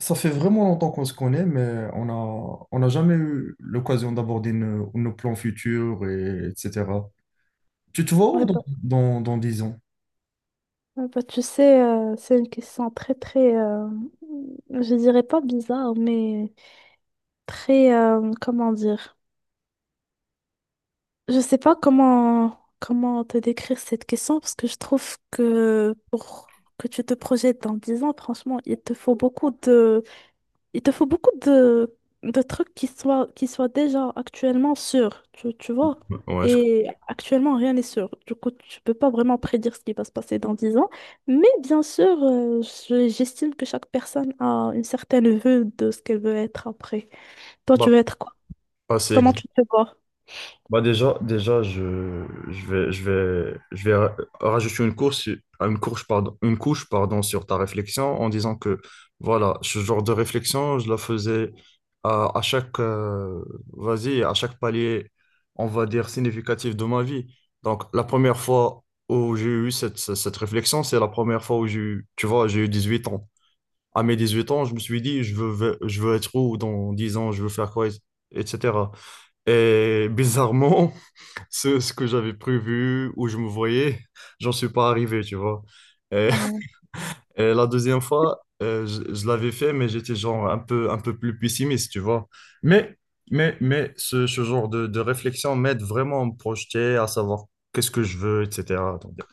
Ça fait vraiment longtemps qu'on se connaît, mais on n'a jamais eu l'occasion d'aborder nos plans futurs, et, etc. Tu te vois où Ouais, bah, dans 10 ans? ouais, bah, tu sais, c'est une question très, très, je dirais pas bizarre, mais très, comment dire? Je sais pas comment te décrire cette question parce que je trouve que pour que tu te projettes dans 10 ans, franchement, il te faut beaucoup de trucs qui soient déjà actuellement sûrs, tu vois. Ouais, je... Et actuellement, rien n'est sûr. Du coup, tu peux pas vraiment prédire ce qui va se passer dans 10 ans. Mais bien sûr, j'estime que chaque personne a une certaine vue de ce qu'elle veut être après. Toi, tu bah, veux être quoi? C'est. Comment tu te vois? Bah déjà, déjà je vais, je vais, je vais ra- Rajouter une couche, sur ta réflexion en disant que voilà, ce genre de réflexion, je la faisais à chaque, vas-y, à chaque palier, on va dire, significatif de ma vie. Donc, la première fois où j'ai eu cette réflexion, c'est la première fois où j'ai eu, tu vois, j'ai eu 18 ans. À mes 18 ans, je me suis dit, je veux être où dans 10 ans, je veux faire quoi, etc. Et bizarrement, ce que j'avais prévu, où je me voyais, j'en suis pas arrivé, tu vois. Et, Ouais. et la deuxième fois, je l'avais fait, mais j'étais genre un peu plus pessimiste, tu vois. Mais, mais ce genre de réflexion m'aide vraiment à me projeter, à savoir qu'est-ce que je veux, etc. Donc,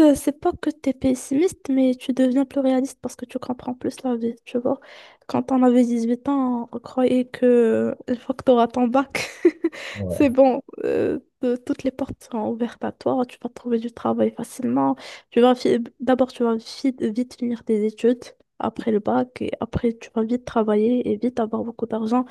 C'est pas que t'es pessimiste, mais tu deviens plus réaliste parce que tu comprends plus la vie, tu vois. Quand on avait 18 ans, on croyait que une fois que t'auras ton bac, ouais. c'est bon, toutes les portes seront ouvertes à toi, tu vas trouver du travail facilement. D'abord, tu vas vite finir tes études après le bac et après, tu vas vite travailler et vite avoir beaucoup d'argent.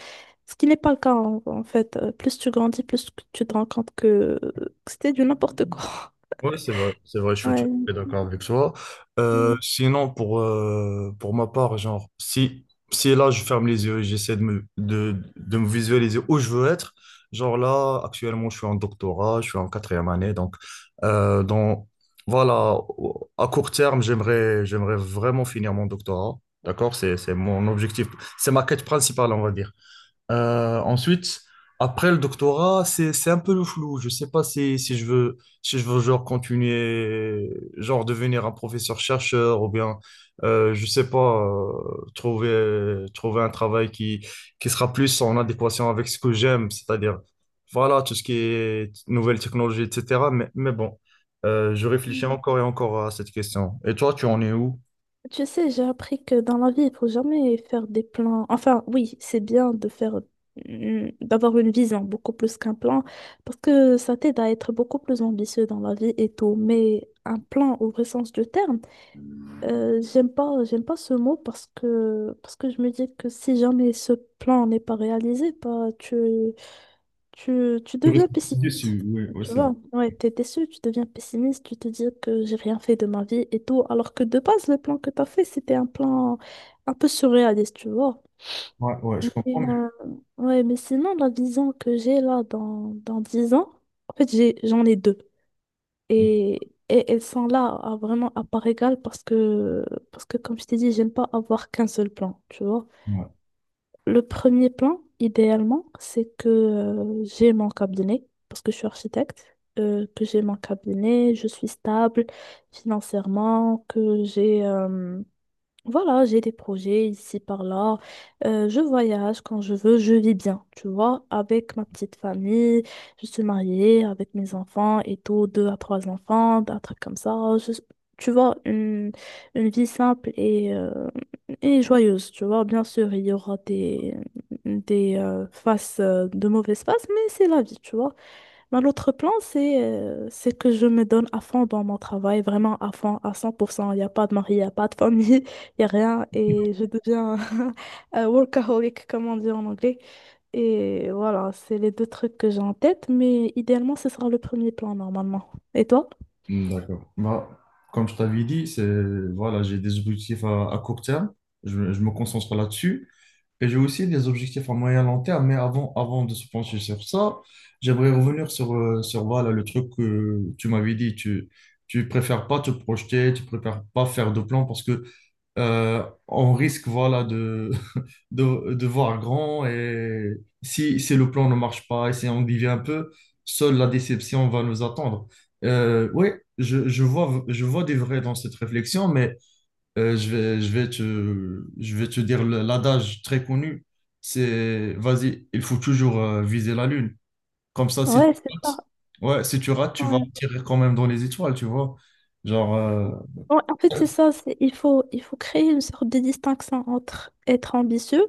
Ce qui n'est pas le cas en fait. Plus tu grandis, plus que tu te rends compte euh, que c'était du n'importe quoi. Ouais, c'est vrai, je suis tout Ouais. à fait d'accord avec toi. Sinon, pour ma part, genre, si, si là, je ferme les yeux et j'essaie de de me visualiser où je veux être, genre là, actuellement, je suis en doctorat, je suis en quatrième année, donc, euh, dans, voilà, au- à court terme, j'aimerais vraiment finir mon doctorat, d'accord? C'est mon objectif, c'est ma quête principale, on va dire. Ensuite, après le doctorat, c'est un peu le flou. Je sais pas si, si je veux genre continuer, genre devenir un professeur-chercheur ou bien, je sais pas, trouver un travail qui sera plus en adéquation avec ce que j'aime, c'est-à-dire, voilà, tout ce qui est nouvelles technologies, etc. Mais bon, je réfléchis Mm. encore et encore à cette question. Et toi, tu en es où? Tu sais, j'ai appris que dans la vie, il faut jamais faire des plans. Enfin, oui, c'est bien de faire, d'avoir une vision beaucoup plus qu'un plan, parce que ça t'aide à être beaucoup plus ambitieux dans la vie et tout. Mais un plan, au vrai sens du terme, j'aime pas ce mot parce que je me dis que si jamais ce plan n'est pas réalisé, bah, tu Je deviens pessimiste. reste sur- ouais, ouais, Tu c'est vrai. vois, ouais, t'es déçu, tu deviens pessimiste, tu te dis que j'ai rien fait de ma vie et tout, alors que de base, le plan que t'as fait, c'était un plan un peu surréaliste, tu vois. Ouais, ouais, Et, je comprends. euh, ouais, mais sinon, la vision que j'ai là dans 10 ans, en fait, j'en ai deux. Mais- Et elles sont là vraiment à part égale parce que comme je t'ai dit, j'aime pas avoir qu'un seul plan, tu vois. ouais. Le premier plan, idéalement, c'est que j'ai mon cabinet, parce que je suis architecte, que j'ai mon cabinet, je suis stable financièrement, que j'ai voilà, j'ai des projets ici par là. Je voyage quand je veux, je vis bien, tu vois, avec ma petite famille. Je suis mariée avec mes enfants et tout, deux à trois enfants, un truc comme ça. Tu vois, une vie simple et joyeuse, tu vois. Bien sûr, il y aura de mauvaises faces, mais c'est la vie, tu vois. Ben, l'autre plan, c'est que je me donne à fond dans mon travail, vraiment à fond, à 100%. Il n'y a pas de mari, il n'y a pas de famille, il n'y a rien. Et je deviens un workaholic, comme on dit en anglais. Et voilà, c'est les deux trucs que j'ai en tête, mais idéalement, ce sera le premier plan normalement. Et toi? D'accord. Bah, comme je t'avais dit, c'est, voilà, j'ai des objectifs à court terme. Je me concentre là-dessus. Et j'ai aussi des objectifs à moyen long terme. Mais avant de se pencher sur ça, j'aimerais revenir sur voilà, le truc que tu m'avais dit. Tu préfères pas te projeter, tu préfères pas faire de plan parce que on risque voilà de, de voir grand et si, si le plan ne marche pas et si on divise un peu, seule la déception va nous attendre. Oui, je vois des vrais dans cette réflexion, mais je vais te dire le- l'adage très connu, c'est vas-y, il faut toujours viser la lune. Comme ça, si Ouais, tu c'est ça. rates, ouais, si tu rates, tu vas Ouais. tirer quand même dans les étoiles, tu vois. Genre, euh, Ouais, en fait, c'est ça. Il faut, créer une sorte de distinction entre être ambitieux,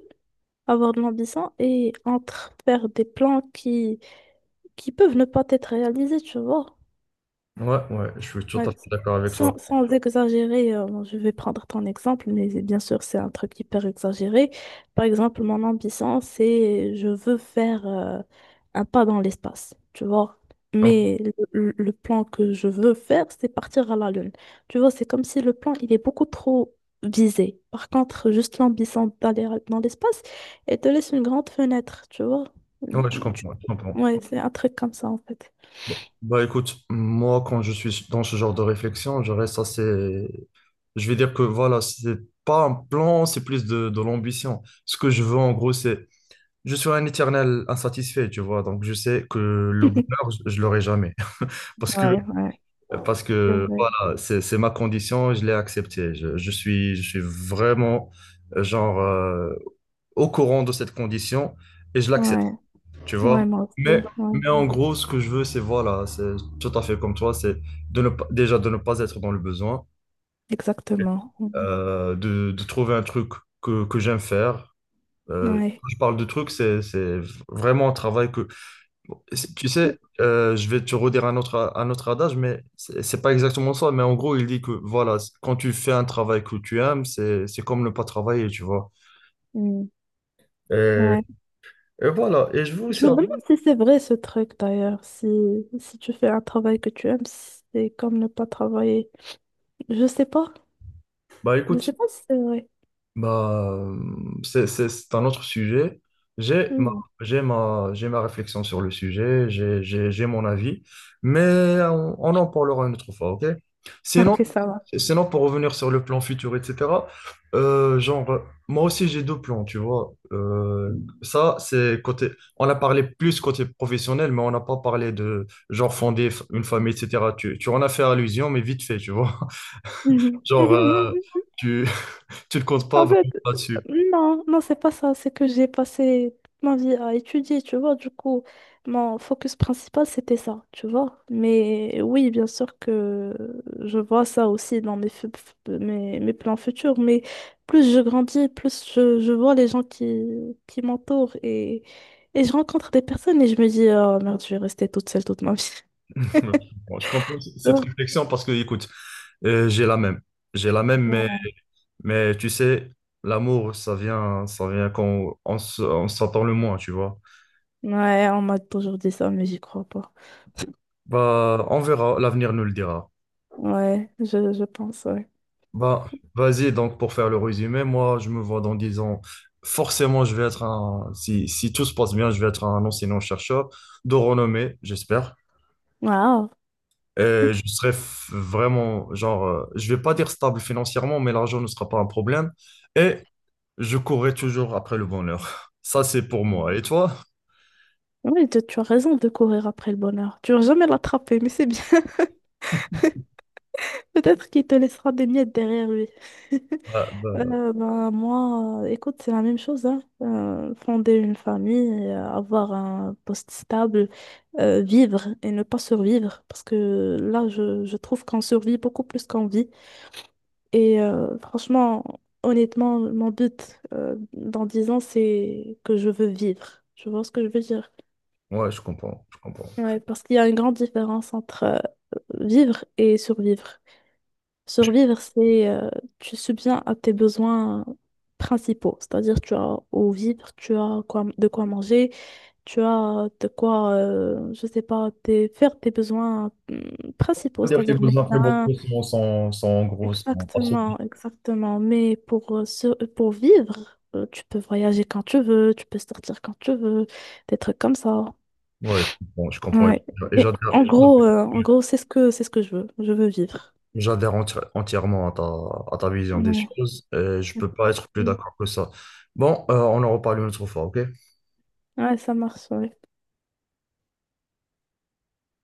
avoir de l'ambition, et entre faire des plans qui peuvent ne pas être réalisées, tu vois. Ouais, ouais, je suis tout à Ouais. fait d'accord avec toi. Sans exagérer, je vais prendre ton exemple, mais bien sûr, c'est un truc hyper exagéré. Par exemple, mon ambition, c'est je veux faire un pas dans l'espace, tu vois. Mais le plan que je veux faire, c'est partir à la Lune. Tu vois, c'est comme si le plan, il est beaucoup trop visé. Par contre, juste l'ambition d'aller dans l'espace, elle te laisse une grande fenêtre, tu vois. Ouais, je Tu- comprends, je comprends. Ouais, c'est un truc comme ça, en fait. Bon. Bah écoute, moi quand je suis dans ce genre de réflexion, je reste assez... Je vais dire que voilà, c'est pas un plan, c'est plus de l'ambition. Ce que je veux en gros, c'est... Je suis un éternel insatisfait, tu vois, donc je sais que le bonheur, je l'aurai jamais. Parce que, Ouais, ouais, parce c'est que vrai. voilà, c'est ma condition, je l'ai acceptée. Je suis vraiment, euh, genre, euh, au courant de cette condition et je l'accepte. Ouais, Tu vois? ouais, moi Mais, aussi. mais en Ouais, gros, ce que je veux, c'est voilà, c'est tout à fait comme toi, c'est de ne pas, déjà de ne pas être dans le besoin, exactement. Mm. De trouver un truc que j'aime faire. Ouais. Quand je parle de truc, c'est vraiment un travail que. Tu sais, je vais te redire un autre adage, mais c'est pas exactement ça. Mais en gros, il dit que voilà, quand tu fais un travail que tu aimes, c'est comme ne pas travailler, tu vois. Mm. Et, Ouais. et voilà. Et je veux Je aussi. me demande si c'est vrai ce truc d'ailleurs. Si tu fais un travail que tu aimes, c'est comme ne pas travailler. Je sais pas. Bah Je écoute. sais pas si c'est vrai. Bah, euh, c'est un autre sujet. J'ai ma, Mm. J'ai ma réflexion sur le sujet, j'ai mon avis, mais on en parlera une autre fois, ok? Sinon, Ok, ça va. Sinon, pour revenir sur le plan futur, etc., euh, genre, moi aussi j'ai deux plans, tu vois. Ça, c'est côté, on a parlé plus côté professionnel, mais on n'a pas parlé de, genre, fonder une famille, etc. Tu en as fait allusion, mais vite fait, tu vois. Genre, euh, tu, tu ne comptes pas En fait, vraiment là-dessus. non, non, c'est pas ça. C'est que j'ai passé toute ma vie à étudier, tu vois. Du coup, mon focus principal, c'était ça, tu vois. Mais oui, bien sûr que je vois ça aussi dans mes, fu- fu- mes, mes plans futurs. Mais plus je grandis, plus je vois les gens qui m'entourent et je rencontre des personnes et je me dis, oh merde, je vais rester toute seule toute ma vie. Ouais. Bon, je comprends Tu cette vois? réflexion parce que, écoute, j'ai la même. J'ai la même, mais tu sais, l'amour, ça vient quand on, s- on s'attend le moins, tu vois. Ouais, on m'a toujours dit ça, mais j'y crois pas. Bah, on verra, l'avenir nous le dira. Ouais, je pense, ouais. Bah, vas-y, donc, pour faire le résumé, moi, je me vois dans 10 ans. Forcément, je vais être un, si, si tout se passe bien, je vais être un enseignant-chercheur de renommée, j'espère. Waouh. Et je serai f- vraiment, je vais pas dire stable financièrement, mais l'argent ne sera pas un problème. Et je courrais toujours après le bonheur. Ça, c'est pour moi. Et toi? Oui, tu as raison de courir après le bonheur. Tu vas jamais l'attraper, mais c'est bien. Peut-être qu'il te laissera des miettes derrière lui. Bah, bah, Ben, moi, écoute, c'est la même chose, hein. Fonder une famille, avoir un poste stable, vivre et ne pas survivre. Parce que là, je trouve qu'on survit beaucoup plus qu'on vit. Franchement, honnêtement, mon but dans 10 ans, c'est que je veux vivre. Tu vois ce que je veux dire? ouais, je comprends. Je comprends. Ouais, parce qu'il y a une grande différence entre vivre et survivre. Survivre, c'est tu subviens à tes besoins principaux, c'est-à-dire tu as au vivre, tu as quoi, de quoi manger, tu as de quoi, je sais pas, faire tes besoins principaux, On va dire que les c'est-à-dire besoins prémoraux médecin. Sont en gros sont Exactement, assombris. exactement. Mais pour vivre, tu peux voyager quand tu veux, tu peux sortir quand tu veux, des trucs comme ça. Ouais, je comprends. Je comprends. Ouais. Et Et j'adhère, en gros, c'est ce que je veux. Je veux vivre. j'adhère enti- entièrement à à ta vision des Ouais. choses. Et je peux pas être plus d'accord que ça. Bon, on en reparle une autre fois, ok? Ouais, ça marche, ouais.